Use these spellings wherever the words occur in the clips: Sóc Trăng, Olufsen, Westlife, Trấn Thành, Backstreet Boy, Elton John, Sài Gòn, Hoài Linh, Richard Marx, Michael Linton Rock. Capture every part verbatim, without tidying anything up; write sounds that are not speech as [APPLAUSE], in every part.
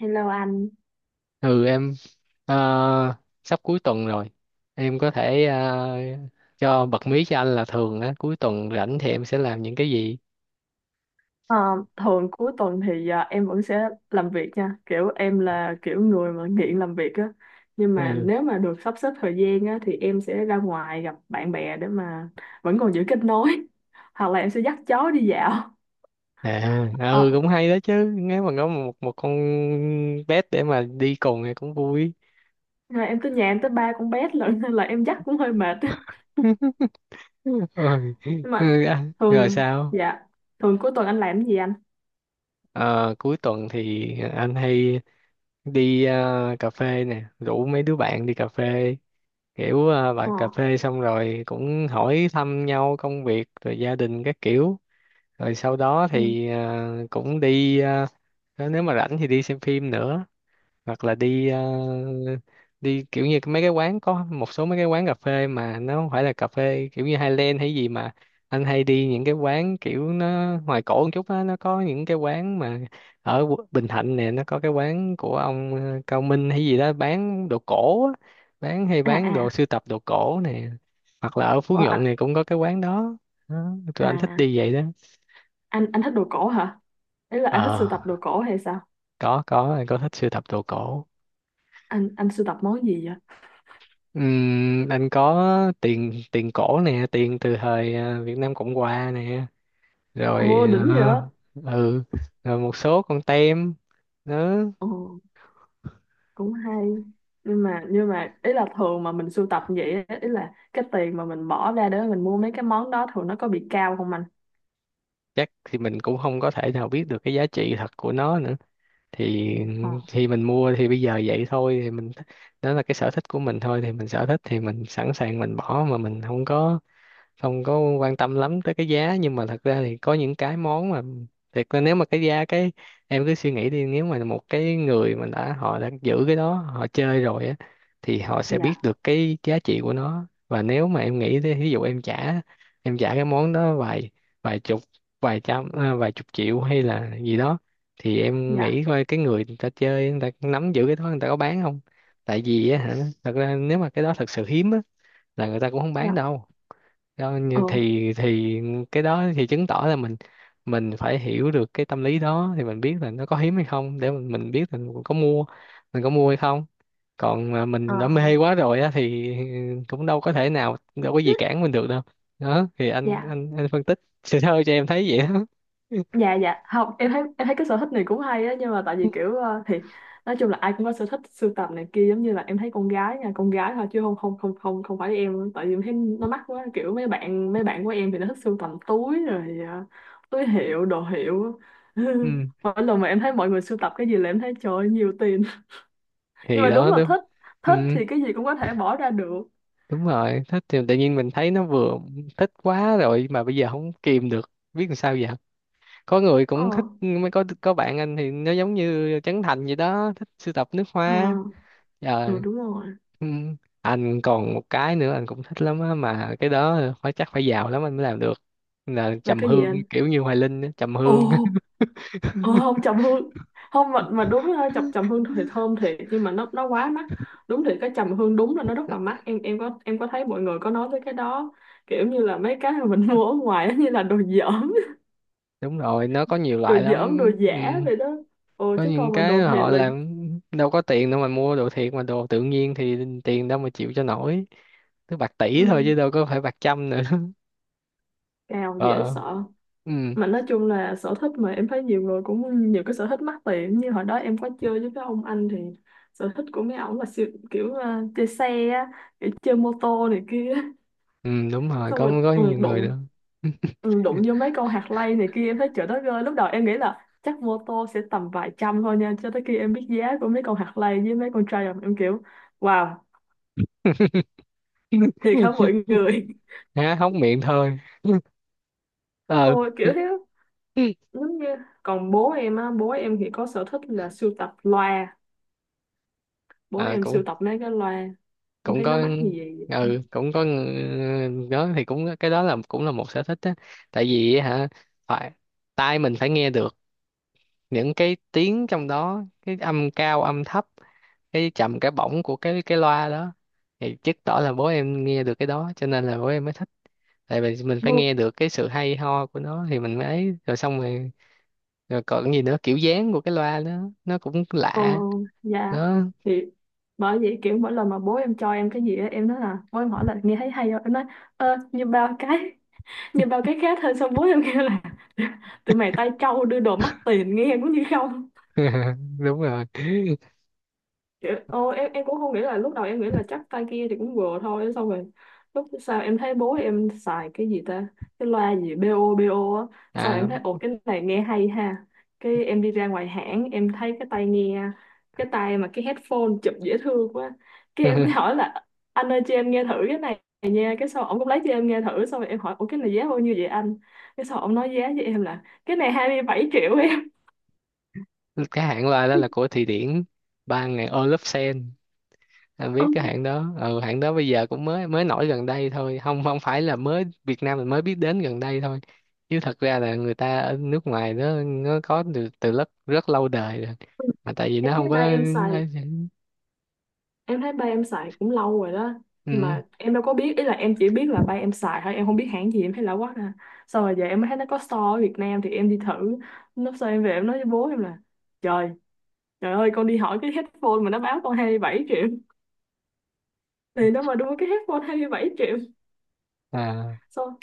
Hello anh. Ừ em. ờ, Sắp cuối tuần rồi, em có thể ờ, cho bật mí cho anh là thường á cuối tuần rảnh thì em sẽ làm những cái gì? Ờ, thường cuối tuần thì ờ, em vẫn sẽ làm việc nha, kiểu em là kiểu người mà nghiện làm việc á, nhưng mà Ừ. nếu mà được sắp xếp thời gian á thì em sẽ ra ngoài gặp bạn bè để mà vẫn còn giữ kết nối, [LAUGHS] hoặc là em sẽ dắt chó đi dạo. À, ừ, Ờ, cũng hay đó chứ. Nếu mà có một một con pet để mà đi cùng thì cũng vui. rồi em tới nhà em tới ba con bé [LAUGHS] lận nên là em dắt cũng hơi mệt, [LAUGHS] á. [LAUGHS] Ôi, Nhưng mà ừ, à, rồi thường sao? Dạ, thường cuối tuần anh làm cái gì anh? Ờ, cuối tuần thì anh hay đi ờ, cà phê nè, rủ mấy đứa bạn đi cà phê, kiểu à, bà Ờ. cà phê xong rồi cũng hỏi thăm nhau công việc rồi gia đình các kiểu. Rồi sau đó Ừ. thì à, cũng đi à, nếu mà rảnh thì đi xem phim nữa, hoặc là đi ờ, đi kiểu như mấy cái quán, có một số mấy cái quán cà phê mà nó không phải là cà phê kiểu như Highland hay gì, mà anh hay đi những cái quán kiểu nó ngoài cổ một chút á, nó có những cái quán mà ở Qu- Bình Thạnh nè, nó có cái quán của ông ờ, Cao Minh hay gì đó bán đồ cổ á, bán hay À, bán à. đồ sưu tập đồ cổ nè, hoặc là ở Phú Ờ, Nhuận à, này cũng có cái quán đó. Đó, tụi anh thích à, đi vậy đó. anh anh thích đồ cổ hả? Ý là Ờ, anh thích sưu tập đồ cổ hay sao? có có anh có thích sưu tập đồ cổ. anh anh sưu tập món gì vậy? Ừm, anh có tiền tiền cổ nè, tiền từ thời ờ, Việt Nam Cộng Hòa nè, rồi. Ồ, đỉnh vậy. Ờ, ừ, rồi một số con tem nữa. Ồ, cũng hay. Nhưng mà nhưng mà ý là thường mà mình sưu tập như vậy á, ý là cái tiền mà mình bỏ ra để mình mua mấy cái món đó thường nó có bị cao không anh? Chắc thì mình cũng không có thể nào biết được cái giá trị thật của nó nữa thì Ờ. thì mình mua thì bây giờ vậy thôi, thì mình, đó là cái sở thích của mình thôi, thì mình sở thích thì mình sẵn sàng mình bỏ mà mình không có, không có quan tâm lắm tới cái giá, nhưng mà thật ra thì có những cái món mà thiệt là nếu mà cái giá cái, em cứ suy nghĩ đi, nếu mà một cái người mà đã họ đã giữ cái đó họ chơi rồi á thì họ sẽ biết Dạ, được cái giá trị của nó, và nếu mà em nghĩ thế, ví dụ em trả, em trả cái món đó vài, vài chục, vài trăm à, vài chục triệu hay là gì đó, thì em dạ, nghĩ coi cái người, người ta chơi, người ta nắm giữ cái đó, người ta có bán không. Tại vì á hả, thật ra nếu mà cái đó thật sự hiếm á là người ta cũng không dạ. bán đâu. Đó, như Ừ. thì thì cái đó thì chứng tỏ là mình mình phải hiểu được cái tâm lý đó thì mình biết là nó có hiếm hay không để mình mình biết là mình có mua, mình có mua hay không, còn mà Ờ. mình đã mê quá rồi á thì cũng đâu có thể nào, đâu có gì cản [LAUGHS] mình được đâu. Đó thì anh Dạ, anh anh phân tích [LAUGHS] sơ sơ cho em thấy vậy đó. [LAUGHS] dạ, dạ, không, em thấy em thấy cái sở thích này cũng hay á, nhưng mà tại vì kiểu ờ, thì nói chung là ai cũng có sở thích sưu tầm này kia, giống như là em thấy con gái nha, con gái thôi chứ không không không không không phải em, tại vì em thấy nó mắc quá, kiểu mấy bạn mấy bạn của em thì nó thích sưu tầm túi rồi ờ, túi hiệu đồ hiệu á. [LAUGHS] Ừ, Mỗi lần mà em thấy mọi người sưu tập cái gì là em thấy trời ơi, nhiều tiền. [LAUGHS] Nhưng thì mà đúng đó là đúng. thích, Ừ, thích thì cái gì cũng có thể bỏ ra được. đúng rồi, thích thì tự nhiên mình thấy nó vừa, thích quá rồi mà bây giờ không kìm được biết làm sao giờ. Có người Ờ. cũng thích mới có có bạn anh thì nó giống như Trấn Thành gì đó thích sưu tập nước À. hoa. Ừ, Trời. đúng rồi. Ừ. Anh còn một cái nữa anh cũng thích lắm á, mà cái đó phải chắc phải giàu lắm anh mới làm được, là Là trầm cái gì hương anh? kiểu như Hoài Linh á, trầm Ồ. hương. Ờ, không, trầm hương. Không, mà mà đúng ha, chọc trầm hương [LAUGHS] thì thơm thiệt nhưng mà nó nó quá mắc. Đúng, thì cái trầm hương đúng là nó rất là mắc, em em có em có thấy mọi người có nói tới cái đó, kiểu như là mấy cái mà mình [LAUGHS] mua ở ngoài á, như là đồ dởm. Đúng rồi, nó có nhiều [LAUGHS] Đồ loại dởm, đồ lắm. Ừ. giả vậy đó. Ồ, Có chứ những còn mà cái đồ thiệt họ là... làm đâu có tiền đâu mà mua đồ thiệt, mà đồ tự nhiên thì tiền đâu mà chịu cho nổi, cứ bạc Ừ, tỷ thôi chứ đâu có phải bạc trăm nữa. [LAUGHS] cào dễ Ờ, sợ. ừ. Mà nói chung là sở thích, mà em thấy nhiều người cũng nhiều cái sở thích mắc tiền, như hồi đó em có chơi với cái ông anh thì sở thích của mấy ổng là siêu, kiểu ờ, chơi xe á, kiểu chơi mô tô này kia, Ừ đúng rồi, xong có rồi có ừ, nhiều người đụng nữa. ừ, đụng vô mấy con hạt lay này kia, em thấy trời đất ơi, lúc đầu em nghĩ là chắc mô tô sẽ tầm vài trăm thôi nha, cho tới khi em biết giá của mấy con hạt lay với mấy con Triumph em kiểu wow, [LAUGHS] thiệt hả mọi người. Há hốc miệng thôi. [LAUGHS] Ờ, Ôi kiểu thế. Giống như, còn bố em á, bố em thì có sở thích là sưu tập loa, bố à, em sưu cũng tập mấy cái loa, em cũng thấy nó có. mắc như gì. Ừ cũng có ng- đó thì cũng, cái đó là cũng là một sở thích á. Tại vì hả, phải, tai mình phải nghe được những cái tiếng trong đó, cái âm cao âm thấp, cái trầm cái bổng của cái cái loa đó, thì chứng tỏ là bố em nghe được cái đó cho nên là bố em mới thích. Tại vì mình phải Mua. nghe được cái sự hay ho của nó thì mình mới ấy, rồi xong rồi, rồi còn cái gì nữa, kiểu dáng của cái loa đó nó cũng Ờ. lạ. Dạ. Đó. Thì bởi vậy, kiểu mỗi lần mà bố em cho em cái gì á, em nói là bố em hỏi là nghe thấy hay không, em nói ơ như bao cái, nhưng bao cái khác hơn, xong bố em kêu là tụi mày tay trâu, đưa đồ mắc tiền nghe cũng như không. [LAUGHS] Đúng rồi. Kiểu, ô, em em cũng không nghĩ, là lúc đầu em nghĩ là chắc tay kia thì cũng vừa thôi, xong rồi lúc sau em thấy bố em xài cái gì ta, cái loa gì bê ô bê ô á, sau À, em thấy ồ cái này nghe hay ha. Cái em đi ra ngoài hãng em thấy cái tai nghe, cái tai mà cái headphone chụp dễ thương quá, cái em mới [LAUGHS] hỏi là anh ơi cho em nghe thử cái này nha, cái sau ổng cũng lấy cho em nghe thử, xong rồi em hỏi ủa cái này giá bao nhiêu vậy anh, cái sau ổng nói giá với em là cái này hai mươi bảy triệu em. cái hãng loa đó là của [LAUGHS] Thụy Điển, ban ngày Olufsen. Anh biết Ôi, cái hãng đó, ừ, hãng đó bây giờ cũng mới mới nổi gần đây thôi, không, không phải là mới Việt Nam mình mới biết đến gần đây thôi, chứ thật ra là người ta ở nước ngoài đó nó có từ từ rất rất lâu đời rồi, mà tại vì nó em thấy không có. ba em xài em thấy ba em xài cũng lâu rồi đó. Nhưng Ừ. mà em đâu có biết, ý là em chỉ biết là ba em xài thôi, em không biết hãng gì, em thấy lạ quá à. Sau rồi giờ em mới thấy nó có store ở Việt Nam thì em đi thử, lúc sau em về em nói với bố em là trời, trời ơi, con đi hỏi cái headphone mà nó báo con hai mươi bảy triệu. [LAUGHS] Thì nó mà đưa cái headphone hai mươi bảy triệu. À, Sau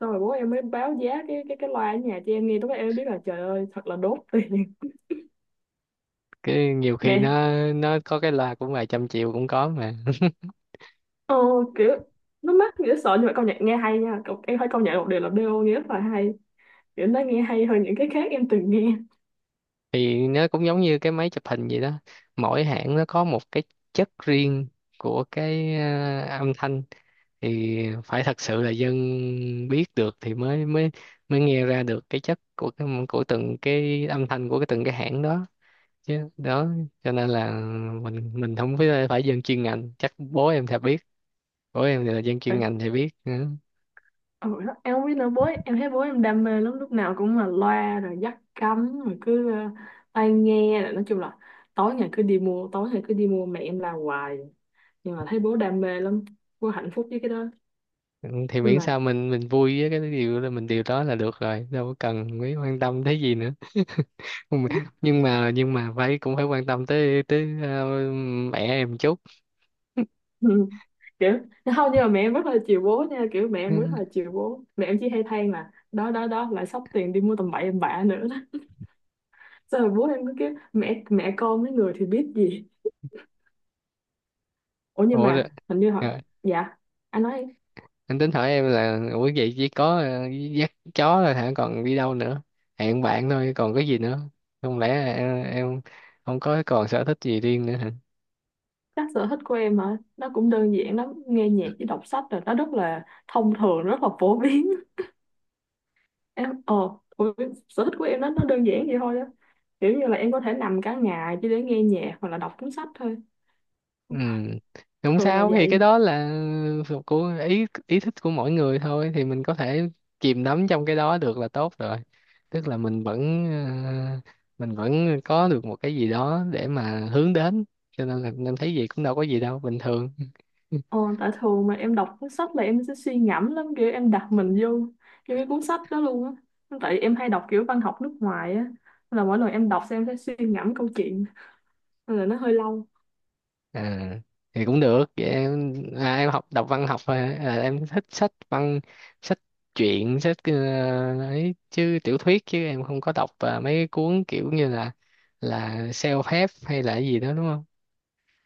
Sau rồi bố em mới báo giá cái cái cái loa ở nhà cho em nghe, lúc đó em mới biết là trời ơi thật là đốt tiền. cái nhiều [LAUGHS] khi Đẻ. nó nó có cái loa cũng vài trăm triệu cũng có mà. [LAUGHS] Ờ, kiểu, nó mắc nghĩa sợ nhưng mà công nhận nghe hay nha. Cậu- em phải công nhận một điều là bê ô nghe rất là hay, kiểu nó nghe hay hơn những cái khác em từng nghe. Thì nó cũng giống như cái máy chụp hình vậy đó, mỗi hãng nó có một cái chất riêng của cái ờ, âm thanh, thì phải thật sự là dân biết được thì mới mới mới nghe ra được cái chất của cái, của từng cái âm thanh của cái, từng cái hãng đó, chứ đó cho nên là mình mình không phải, phải dân chuyên ngành, chắc bố em sẽ biết. Bố em thì là dân chuyên Rồi, ngành thì biết. Ừ. ừ, đó, em không biết nữa, bố em thấy bố em đam mê lắm, lúc nào cũng là loa rồi dắt cắm rồi cứ ờ, tai nghe rồi nói chung là tối ngày cứ đi mua, tối ngày cứ đi mua, mẹ em làm hoài nhưng mà thấy bố đam mê lắm, bố hạnh phúc với cái đó. Ừ, thì Nhưng miễn mà... sao mình mình vui với cái điều là mình, điều đó là được rồi, đâu có cần mấy quan tâm thế gì nữa. Ừ, nhưng mà nhưng mà phải, cũng phải quan tâm tới tới ờ, mẹ em chút. [LAUGHS] Ừ, kiểu, không, nhưng mà mẹ em rất là chiều bố nha, kiểu mẹ Ừ. em rất là chiều bố, mẹ em chỉ hay than là đó đó đó lại xóc tiền đi mua tầm bậy tầm bạ nữa đó. Xong rồi bố em cứ kiểu mẹ mẹ con mấy người thì biết gì. Ủa nhưng Ủa rồi, mà hình như họ... rồi, Dạ. Anh nói. anh tính hỏi em là ủa vậy chỉ có ờ, dắt chó rồi hả, còn đi đâu nữa, hẹn bạn thôi còn cái gì nữa, không lẽ em, em không có còn sở thích gì riêng nữa. Chắc sở thích của em hả, nó cũng đơn giản lắm, nghe nhạc với đọc sách rồi, nó rất là thông thường, rất là phổ biến. [LAUGHS] Em ờ ủa, sở thích của em nó nó đơn giản vậy thôi á, kiểu như là em có thể nằm cả ngày chỉ để nghe nhạc hoặc là đọc cuốn sách thôi, Ừ, không thường là sao, thì cái vậy. đó là thuộc của ý ý thích của mỗi người thôi, thì mình có thể chìm đắm trong cái đó được là tốt rồi, tức là mình vẫn ờ, mình vẫn có được một cái gì đó để mà hướng đến, cho nên là em thấy gì cũng đâu có gì đâu, bình thường. Ờ, tại thường mà em đọc cuốn sách là em sẽ suy ngẫm lắm, kiểu em đặt mình vô vô cái cuốn sách đó luôn á, tại em hay đọc kiểu văn học nước ngoài á, nên là mỗi lần em đọc xem em sẽ suy ngẫm câu chuyện, nên là nó hơi lâu. À, thì cũng được vậy em, à, em học đọc văn học thôi hả? À, em thích sách văn, sách truyện, sách ờ, ấy chứ tiểu thuyết chứ em không có đọc à, mấy cuốn kiểu như là là self-help hay là cái gì đó đúng không?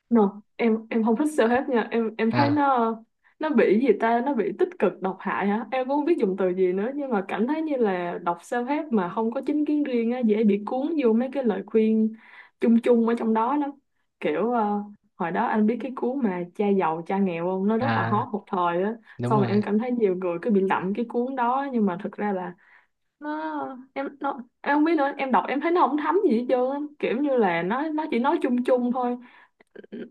No, em em không thích self-help nha, em em thấy À, nó nó bị gì ta, nó bị tích cực độc hại hả, em cũng không biết dùng từ gì nữa, nhưng mà cảm thấy như là đọc self-help mà không có chính kiến riêng á, dễ bị cuốn vô mấy cái lời khuyên chung chung ở trong đó lắm. Kiểu ờ, hồi đó anh biết cái cuốn mà cha giàu cha nghèo không, nó rất là à, hot một thời á, đúng xong rồi rồi. em cảm thấy nhiều người cứ bị lậm cái cuốn đó, nhưng mà thực ra là nó em nó em không biết nữa, em đọc em thấy nó không thấm gì hết trơn á. Kiểu như là nó nó chỉ nói chung chung thôi.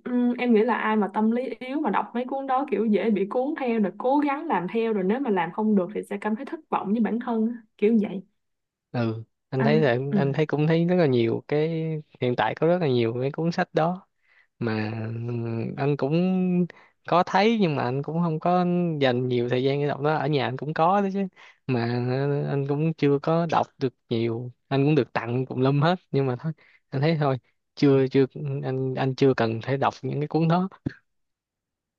Ừm, em nghĩ là ai mà tâm lý yếu mà đọc mấy cuốn đó kiểu dễ bị cuốn theo, rồi cố gắng làm theo, rồi nếu mà làm không được thì sẽ cảm thấy thất vọng với bản thân á, kiểu vậy. Ừ, anh thấy Anh. là, Ừ, anh thấy cũng thấy rất là nhiều cái hiện tại, có rất là nhiều cái cuốn sách đó mà. Ừ, anh cũng có thấy nhưng mà anh cũng không có dành nhiều thời gian để đọc nó, ở nhà anh cũng có đó chứ, mà ừ, anh cũng chưa có đọc được nhiều, anh cũng được tặng tùm lum hết, nhưng mà thôi anh thấy thôi, chưa chưa anh anh chưa cần phải đọc những cái cuốn đó.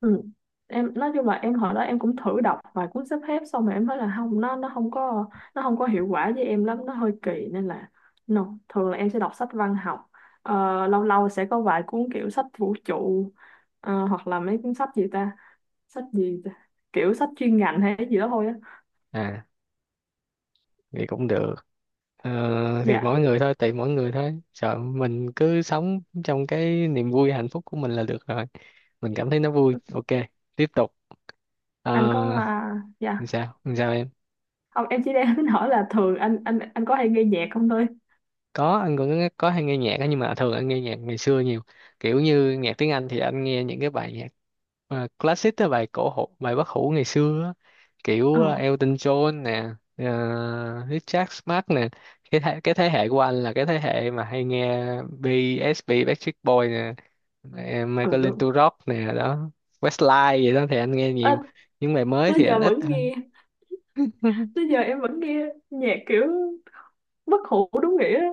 ừ. Em nói chung là em hồi đó em cũng thử đọc vài cuốn sắp xếp, xong rồi em thấy là không, nó nó không có, nó không có hiệu quả với em lắm, nó hơi kỳ nên là no. Thường là em sẽ đọc sách văn học. Ờ, lâu lâu sẽ có vài cuốn kiểu sách vũ trụ, ờ, hoặc là mấy cuốn sách gì ta, sách gì ta? Kiểu sách chuyên ngành hay cái gì đó thôi á. À thì cũng được. Ờ, thì Dạ. mỗi người thôi, tùy mỗi người thôi, sợ mình cứ sống trong cái niềm vui hạnh phúc của mình là được rồi, mình cảm thấy nó vui ok, tiếp tục. Ờ, Anh có à? làm Dạ, sao làm sao em. không, em chỉ đang [LAUGHS] tính hỏi là thường anh anh anh có hay nghe nhạc không thôi. Có, anh cũng nghe- có hay nghe nhạc á, nhưng mà thường anh nghe nhạc ngày xưa nhiều, kiểu như nhạc tiếng Anh thì anh nghe những cái bài nhạc mà classic á, bài cổ hủ, bài bất hủ ngày xưa á. Kiểu Ờ. ờ, Elton John nè, ờ, Richard Marx nè, cái thế, cái thế hệ của anh là cái thế hệ mà hay nghe bê ét bê Backstreet Boy nè, ờ, Ừ, Michael đúng. Linton Rock nè, đó Westlife vậy đó thì anh nghe Ờ, nhiều. Những bài mới tới thì giờ anh ít vẫn hơn. nghe. [LAUGHS] Tới giờ em vẫn nghe nhạc kiểu bất hủ đúng nghĩa á.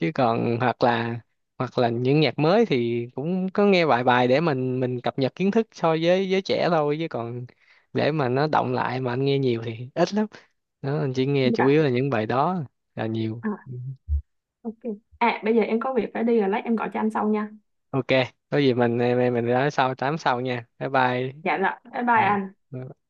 Chứ còn hoặc là, hoặc là những nhạc mới thì cũng có nghe vài bài để mình mình cập nhật kiến thức so với giới trẻ thôi, chứ còn để mà nó động lại mà anh nghe nhiều thì ít lắm. Đó, anh chỉ nghe chủ Dạ. yếu là những bài đó là nhiều. À, Ừ. ok. À, bây giờ em có việc phải đi rồi, lát em gọi cho anh sau nha. Ok, có gì mình mình mình nói sau, tám sau nha, bye bye. Dạ, là bye bye anh. Ừ.